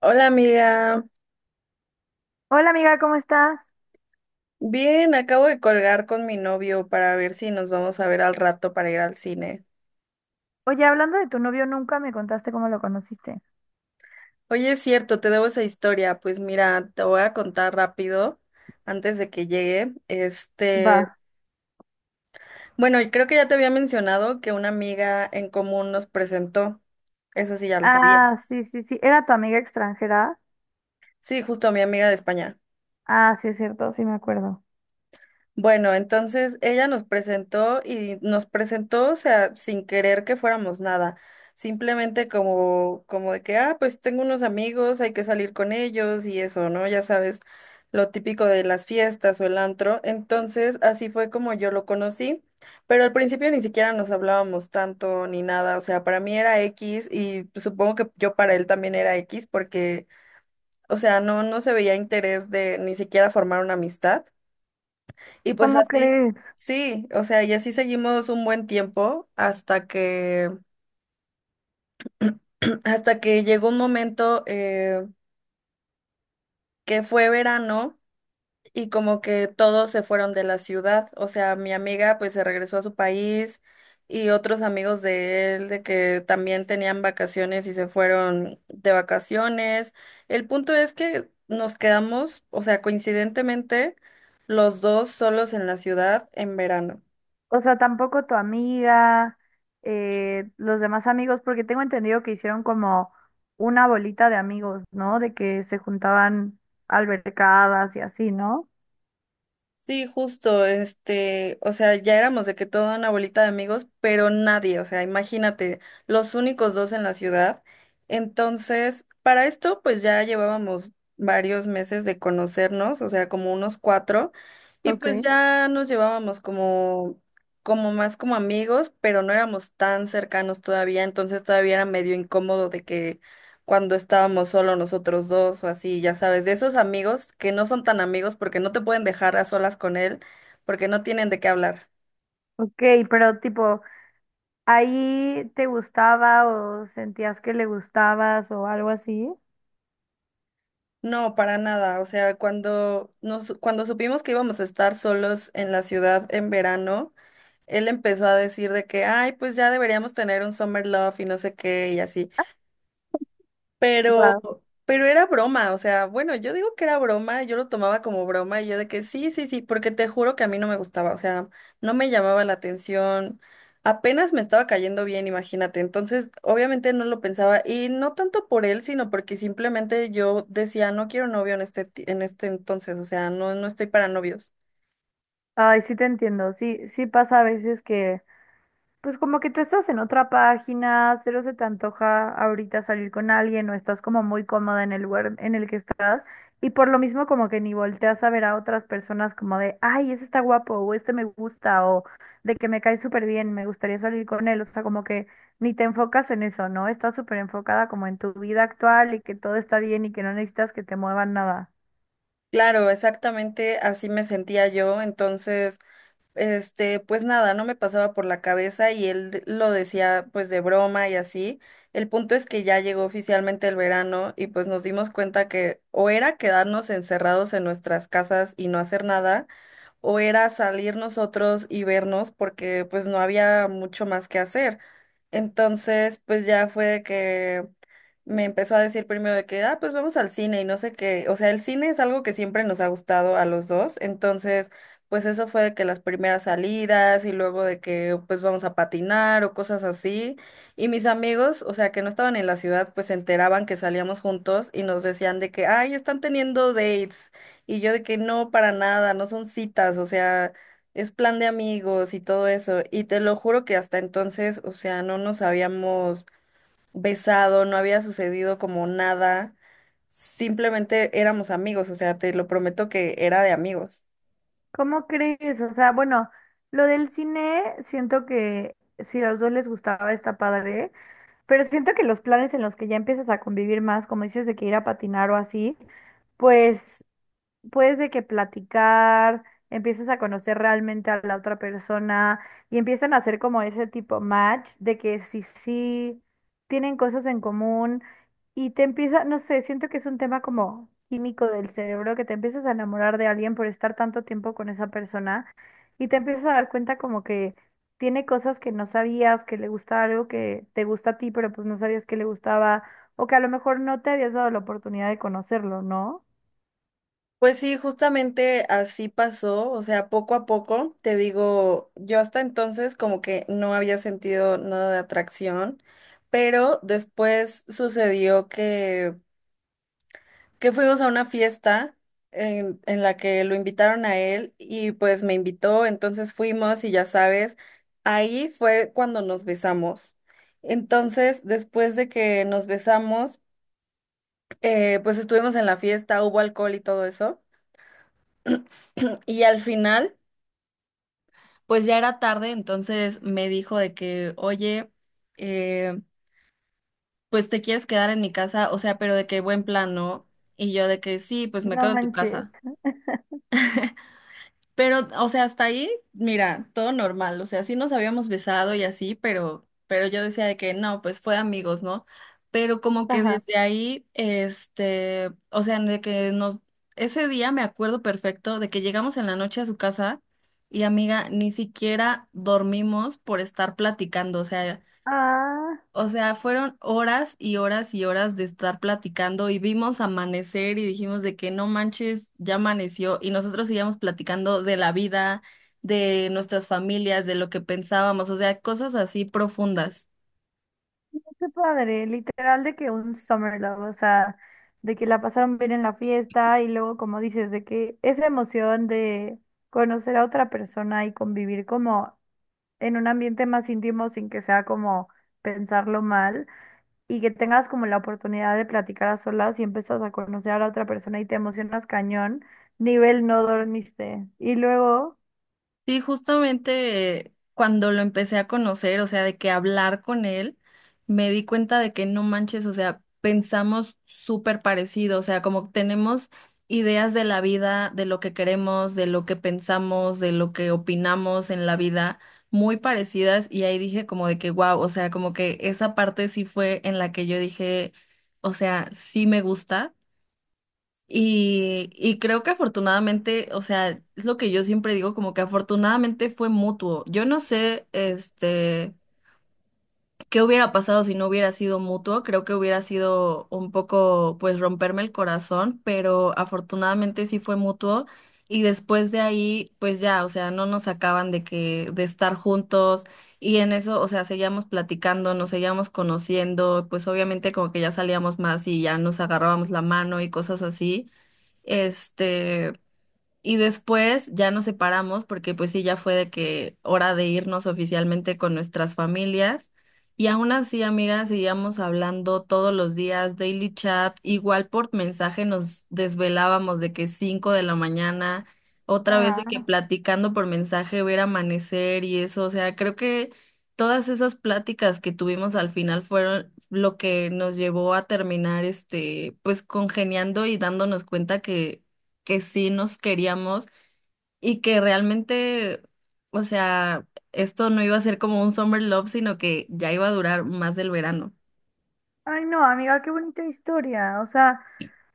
Hola amiga, Hola amiga, ¿cómo estás? bien, acabo de colgar con mi novio para ver si nos vamos a ver al rato para ir al cine. Oye, hablando de tu novio, nunca me contaste cómo lo conociste. Oye, es cierto, te debo esa historia. Pues mira, te voy a contar rápido antes de que llegue. Va. Bueno, y creo que ya te había mencionado que una amiga en común nos presentó. Eso sí, ya lo sabías. Ah, sí, sí, sí. ¿Era tu amiga extranjera? Sí, justo a mi amiga de España. Ah, sí, es cierto, sí me acuerdo. Bueno, entonces ella nos presentó y nos presentó, o sea, sin querer que fuéramos nada, simplemente como, como de que, ah, pues tengo unos amigos, hay que salir con ellos y eso, ¿no? Ya sabes, lo típico de las fiestas o el antro. Entonces, así fue como yo lo conocí, pero al principio ni siquiera nos hablábamos tanto ni nada, o sea, para mí era X y supongo que yo para él también era X porque, o sea, no, no se veía interés de ni siquiera formar una amistad. Y pues ¿Cómo así, crees? sí, o sea, y así seguimos un buen tiempo hasta que, hasta que llegó un momento que fue verano y como que todos se fueron de la ciudad. O sea, mi amiga pues se regresó a su país y otros amigos de él de que también tenían vacaciones y se fueron de vacaciones. El punto es que nos quedamos, o sea, coincidentemente, los dos solos en la ciudad en verano. O sea, tampoco tu amiga, los demás amigos, porque tengo entendido que hicieron como una bolita de amigos, ¿no? De que se juntaban albercadas y así, ¿no? Sí, justo, o sea, ya éramos de que toda una bolita de amigos, pero nadie, o sea, imagínate, los únicos dos en la ciudad. Entonces, para esto, pues ya llevábamos varios meses de conocernos, o sea, como unos cuatro, y Ok. pues ya nos llevábamos como, como más como amigos, pero no éramos tan cercanos todavía, entonces todavía era medio incómodo de que cuando estábamos solo nosotros dos o así, ya sabes, de esos amigos que no son tan amigos porque no te pueden dejar a solas con él, porque no tienen de qué hablar. Ok, pero tipo, ¿ahí te gustaba o sentías que le gustabas o algo así? No, para nada. O sea, cuando supimos que íbamos a estar solos en la ciudad en verano, él empezó a decir de que, ay, pues ya deberíamos tener un summer love y no sé qué y así. Pero, pero era broma, o sea, bueno, yo digo que era broma, yo lo tomaba como broma y yo de que sí, sí, sí, porque te juro que a mí no me gustaba, o sea, no me llamaba la atención, apenas me estaba cayendo bien, imagínate, entonces obviamente no lo pensaba y no tanto por él, sino porque simplemente yo decía, no quiero novio en en este entonces, o sea, no, no estoy para novios. Ay, sí te entiendo, sí, sí pasa a veces que, pues como que tú estás en otra página, cero se te antoja ahorita salir con alguien o estás como muy cómoda en el lugar en el que estás y por lo mismo como que ni volteas a ver a otras personas como de, ay, ese está guapo o este me gusta o de que me cae súper bien, me gustaría salir con él, o sea, como que ni te enfocas en eso, ¿no? Estás súper enfocada como en tu vida actual y que todo está bien y que no necesitas que te muevan nada. Claro, exactamente así me sentía yo, entonces... Pues nada, no me pasaba por la cabeza y lo decía pues de broma y así. El punto es que ya llegó oficialmente el verano y pues nos dimos cuenta que o era quedarnos encerrados en nuestras casas y no hacer nada o era salir nosotros y vernos porque pues no había mucho más que hacer. Entonces, pues ya fue de que me empezó a decir primero de que, ah, pues vamos al cine y no sé qué. O sea, el cine es algo que siempre nos ha gustado a los dos. Entonces, pues eso fue de que las primeras salidas y luego de que pues vamos a patinar o cosas así. Y mis amigos, o sea, que no estaban en la ciudad, pues se enteraban que salíamos juntos y nos decían de que, ay, están teniendo dates. Y yo de que no, para nada, no son citas, o sea, es plan de amigos y todo eso. Y te lo juro que hasta entonces, o sea, no nos habíamos besado, no había sucedido como nada, simplemente éramos amigos, o sea, te lo prometo que era de amigos. ¿Cómo crees? O sea, bueno, lo del cine, siento que si a los dos les gustaba está padre, pero siento que los planes en los que ya empiezas a convivir más, como dices, de que ir a patinar o así, pues puedes de que platicar, empieces a conocer realmente a la otra persona y empiezan a hacer como ese tipo match de que sí, sí, tienen cosas en común y te empieza, no sé, siento que es un tema como químico del cerebro, que te empiezas a enamorar de alguien por estar tanto tiempo con esa persona y te empiezas a dar cuenta como que tiene cosas que no sabías, que le gusta algo que te gusta a ti, pero pues no sabías que le gustaba. O que a lo mejor no te habías dado la oportunidad de conocerlo, ¿no? Pues sí, justamente así pasó, o sea, poco a poco, te digo, yo hasta entonces como que no había sentido nada de atracción, pero después sucedió que fuimos a una fiesta en la que lo invitaron a él y pues me invitó, entonces fuimos y ya sabes, ahí fue cuando nos besamos. Entonces, después de que nos besamos, pues estuvimos en la fiesta, hubo alcohol y todo eso, y al final, pues ya era tarde, entonces me dijo de que, oye, eh, pues te quieres quedar en mi casa, o sea, pero de que buen plan, ¿no? Y yo de que sí, pues me No quedo en tu manches. casa. Pero, o sea, hasta ahí, mira, todo normal. O sea, sí nos habíamos besado y así, pero yo decía de que no, pues fue amigos, ¿no? Pero como que Ajá. desde ahí, o sea, de que nos, ese día me acuerdo perfecto de que llegamos en la noche a su casa y amiga, ni siquiera dormimos por estar platicando. O sea, Ah, o sea, fueron horas y horas y horas de estar platicando y vimos amanecer y dijimos de que no manches, ya amaneció y nosotros seguíamos platicando de la vida, de nuestras familias, de lo que pensábamos, o sea, cosas así profundas. qué padre. Literal de que un summer love, o sea, de que la pasaron bien en la fiesta y luego, como dices, de que esa emoción de conocer a otra persona y convivir como en un ambiente más íntimo sin que sea como pensarlo mal y que tengas como la oportunidad de platicar a solas y empiezas a conocer a la otra persona y te emocionas cañón, nivel no dormiste. Y luego, Sí, justamente cuando lo empecé a conocer, o sea, de que hablar con él, me di cuenta de que no manches, o sea, pensamos súper parecido, o sea, como tenemos ideas de la vida, de lo que queremos, de lo que pensamos, de lo que opinamos en la vida, muy parecidas, y ahí dije como de que, wow, o sea, como que esa parte sí fue en la que yo dije, o sea, sí me gusta. Y creo que afortunadamente, o sea, es lo que yo siempre digo, como que afortunadamente fue mutuo. Yo no sé, qué hubiera pasado si no hubiera sido mutuo. Creo que hubiera sido un poco, pues, romperme el corazón, pero afortunadamente sí fue mutuo. Y después de ahí, pues ya, o sea, no nos sacaban de que, de estar juntos. Y en eso, o sea, seguíamos platicando, nos seguíamos conociendo, pues obviamente como que ya salíamos más y ya nos agarrábamos la mano y cosas así. Este, y después ya nos separamos porque pues sí, ya fue de que hora de irnos oficialmente con nuestras familias. Y aún así, amigas, seguíamos hablando todos los días, daily chat, igual por mensaje nos desvelábamos de que 5:00 de la mañana, otra vez de que ah, platicando por mensaje, ver amanecer y eso, o sea, creo que todas esas pláticas que tuvimos al final fueron lo que nos llevó a terminar, pues congeniando y dándonos cuenta que sí nos queríamos y que realmente, o sea, esto no iba a ser como un summer love, sino que ya iba a durar más del verano. ay no, amiga, qué bonita historia, o sea.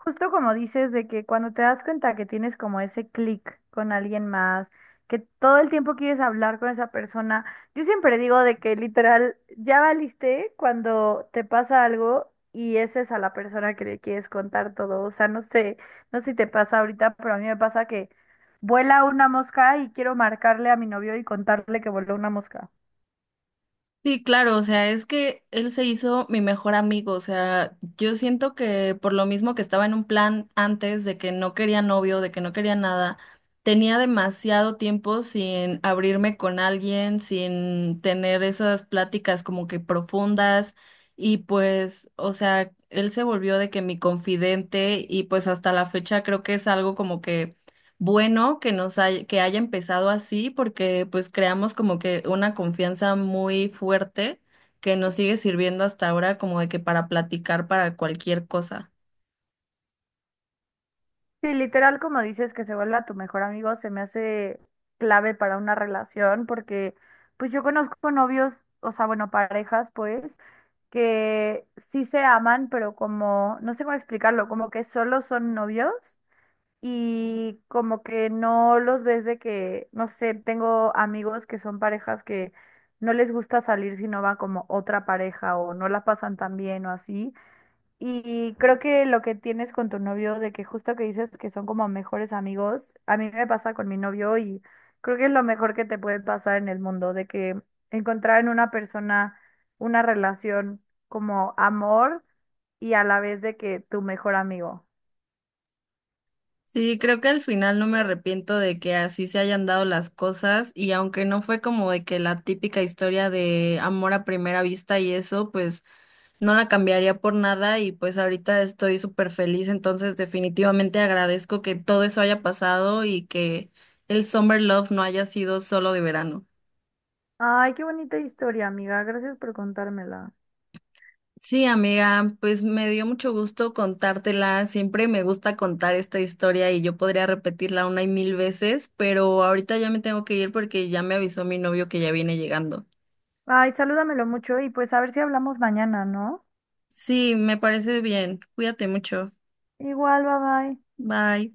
Justo como dices, de que cuando te das cuenta que tienes como ese clic con alguien más, que todo el tiempo quieres hablar con esa persona, yo siempre digo de que literal ya valiste cuando te pasa algo y esa es a la persona que le quieres contar todo. O sea, no sé, no sé si te pasa ahorita, pero a mí me pasa que vuela una mosca y quiero marcarle a mi novio y contarle que voló una mosca. Sí, claro, o sea, es que él se hizo mi mejor amigo, o sea, yo siento que por lo mismo que estaba en un plan antes de que no quería novio, de que no quería nada, tenía demasiado tiempo sin abrirme con alguien, sin tener esas pláticas como que profundas y pues, o sea, él se volvió de que mi confidente y pues hasta la fecha creo que es algo como que bueno que que haya empezado así porque pues creamos como que una confianza muy fuerte que nos sigue sirviendo hasta ahora como de que para platicar para cualquier cosa. Sí, literal, como dices, que se vuelva tu mejor amigo, se me hace clave para una relación, porque pues yo conozco novios, o sea, bueno, parejas, pues, que sí se aman, pero como, no sé cómo explicarlo, como que solo son novios y como que no los ves de que, no sé, tengo amigos que son parejas que no les gusta salir si no va como otra pareja o no la pasan tan bien o así. Y creo que lo que tienes con tu novio, de que justo que dices que son como mejores amigos, a mí me pasa con mi novio y creo que es lo mejor que te puede pasar en el mundo, de que encontrar en una persona una relación como amor y a la vez de que tu mejor amigo. Sí, creo que al final no me arrepiento de que así se hayan dado las cosas y aunque no fue como de que la típica historia de amor a primera vista y eso, pues no la cambiaría por nada y pues ahorita estoy súper feliz, entonces definitivamente agradezco que todo eso haya pasado y que el Summer Love no haya sido solo de verano. Ay, qué bonita historia, amiga. Gracias por contármela. Sí, amiga, pues me dio mucho gusto contártela. Siempre me gusta contar esta historia y yo podría repetirla una y mil veces, pero ahorita ya me tengo que ir porque ya me avisó mi novio que ya viene llegando. Ay, salúdamelo mucho y pues a ver si hablamos mañana, ¿no? Sí, me parece bien. Cuídate mucho. Igual, bye bye. Bye.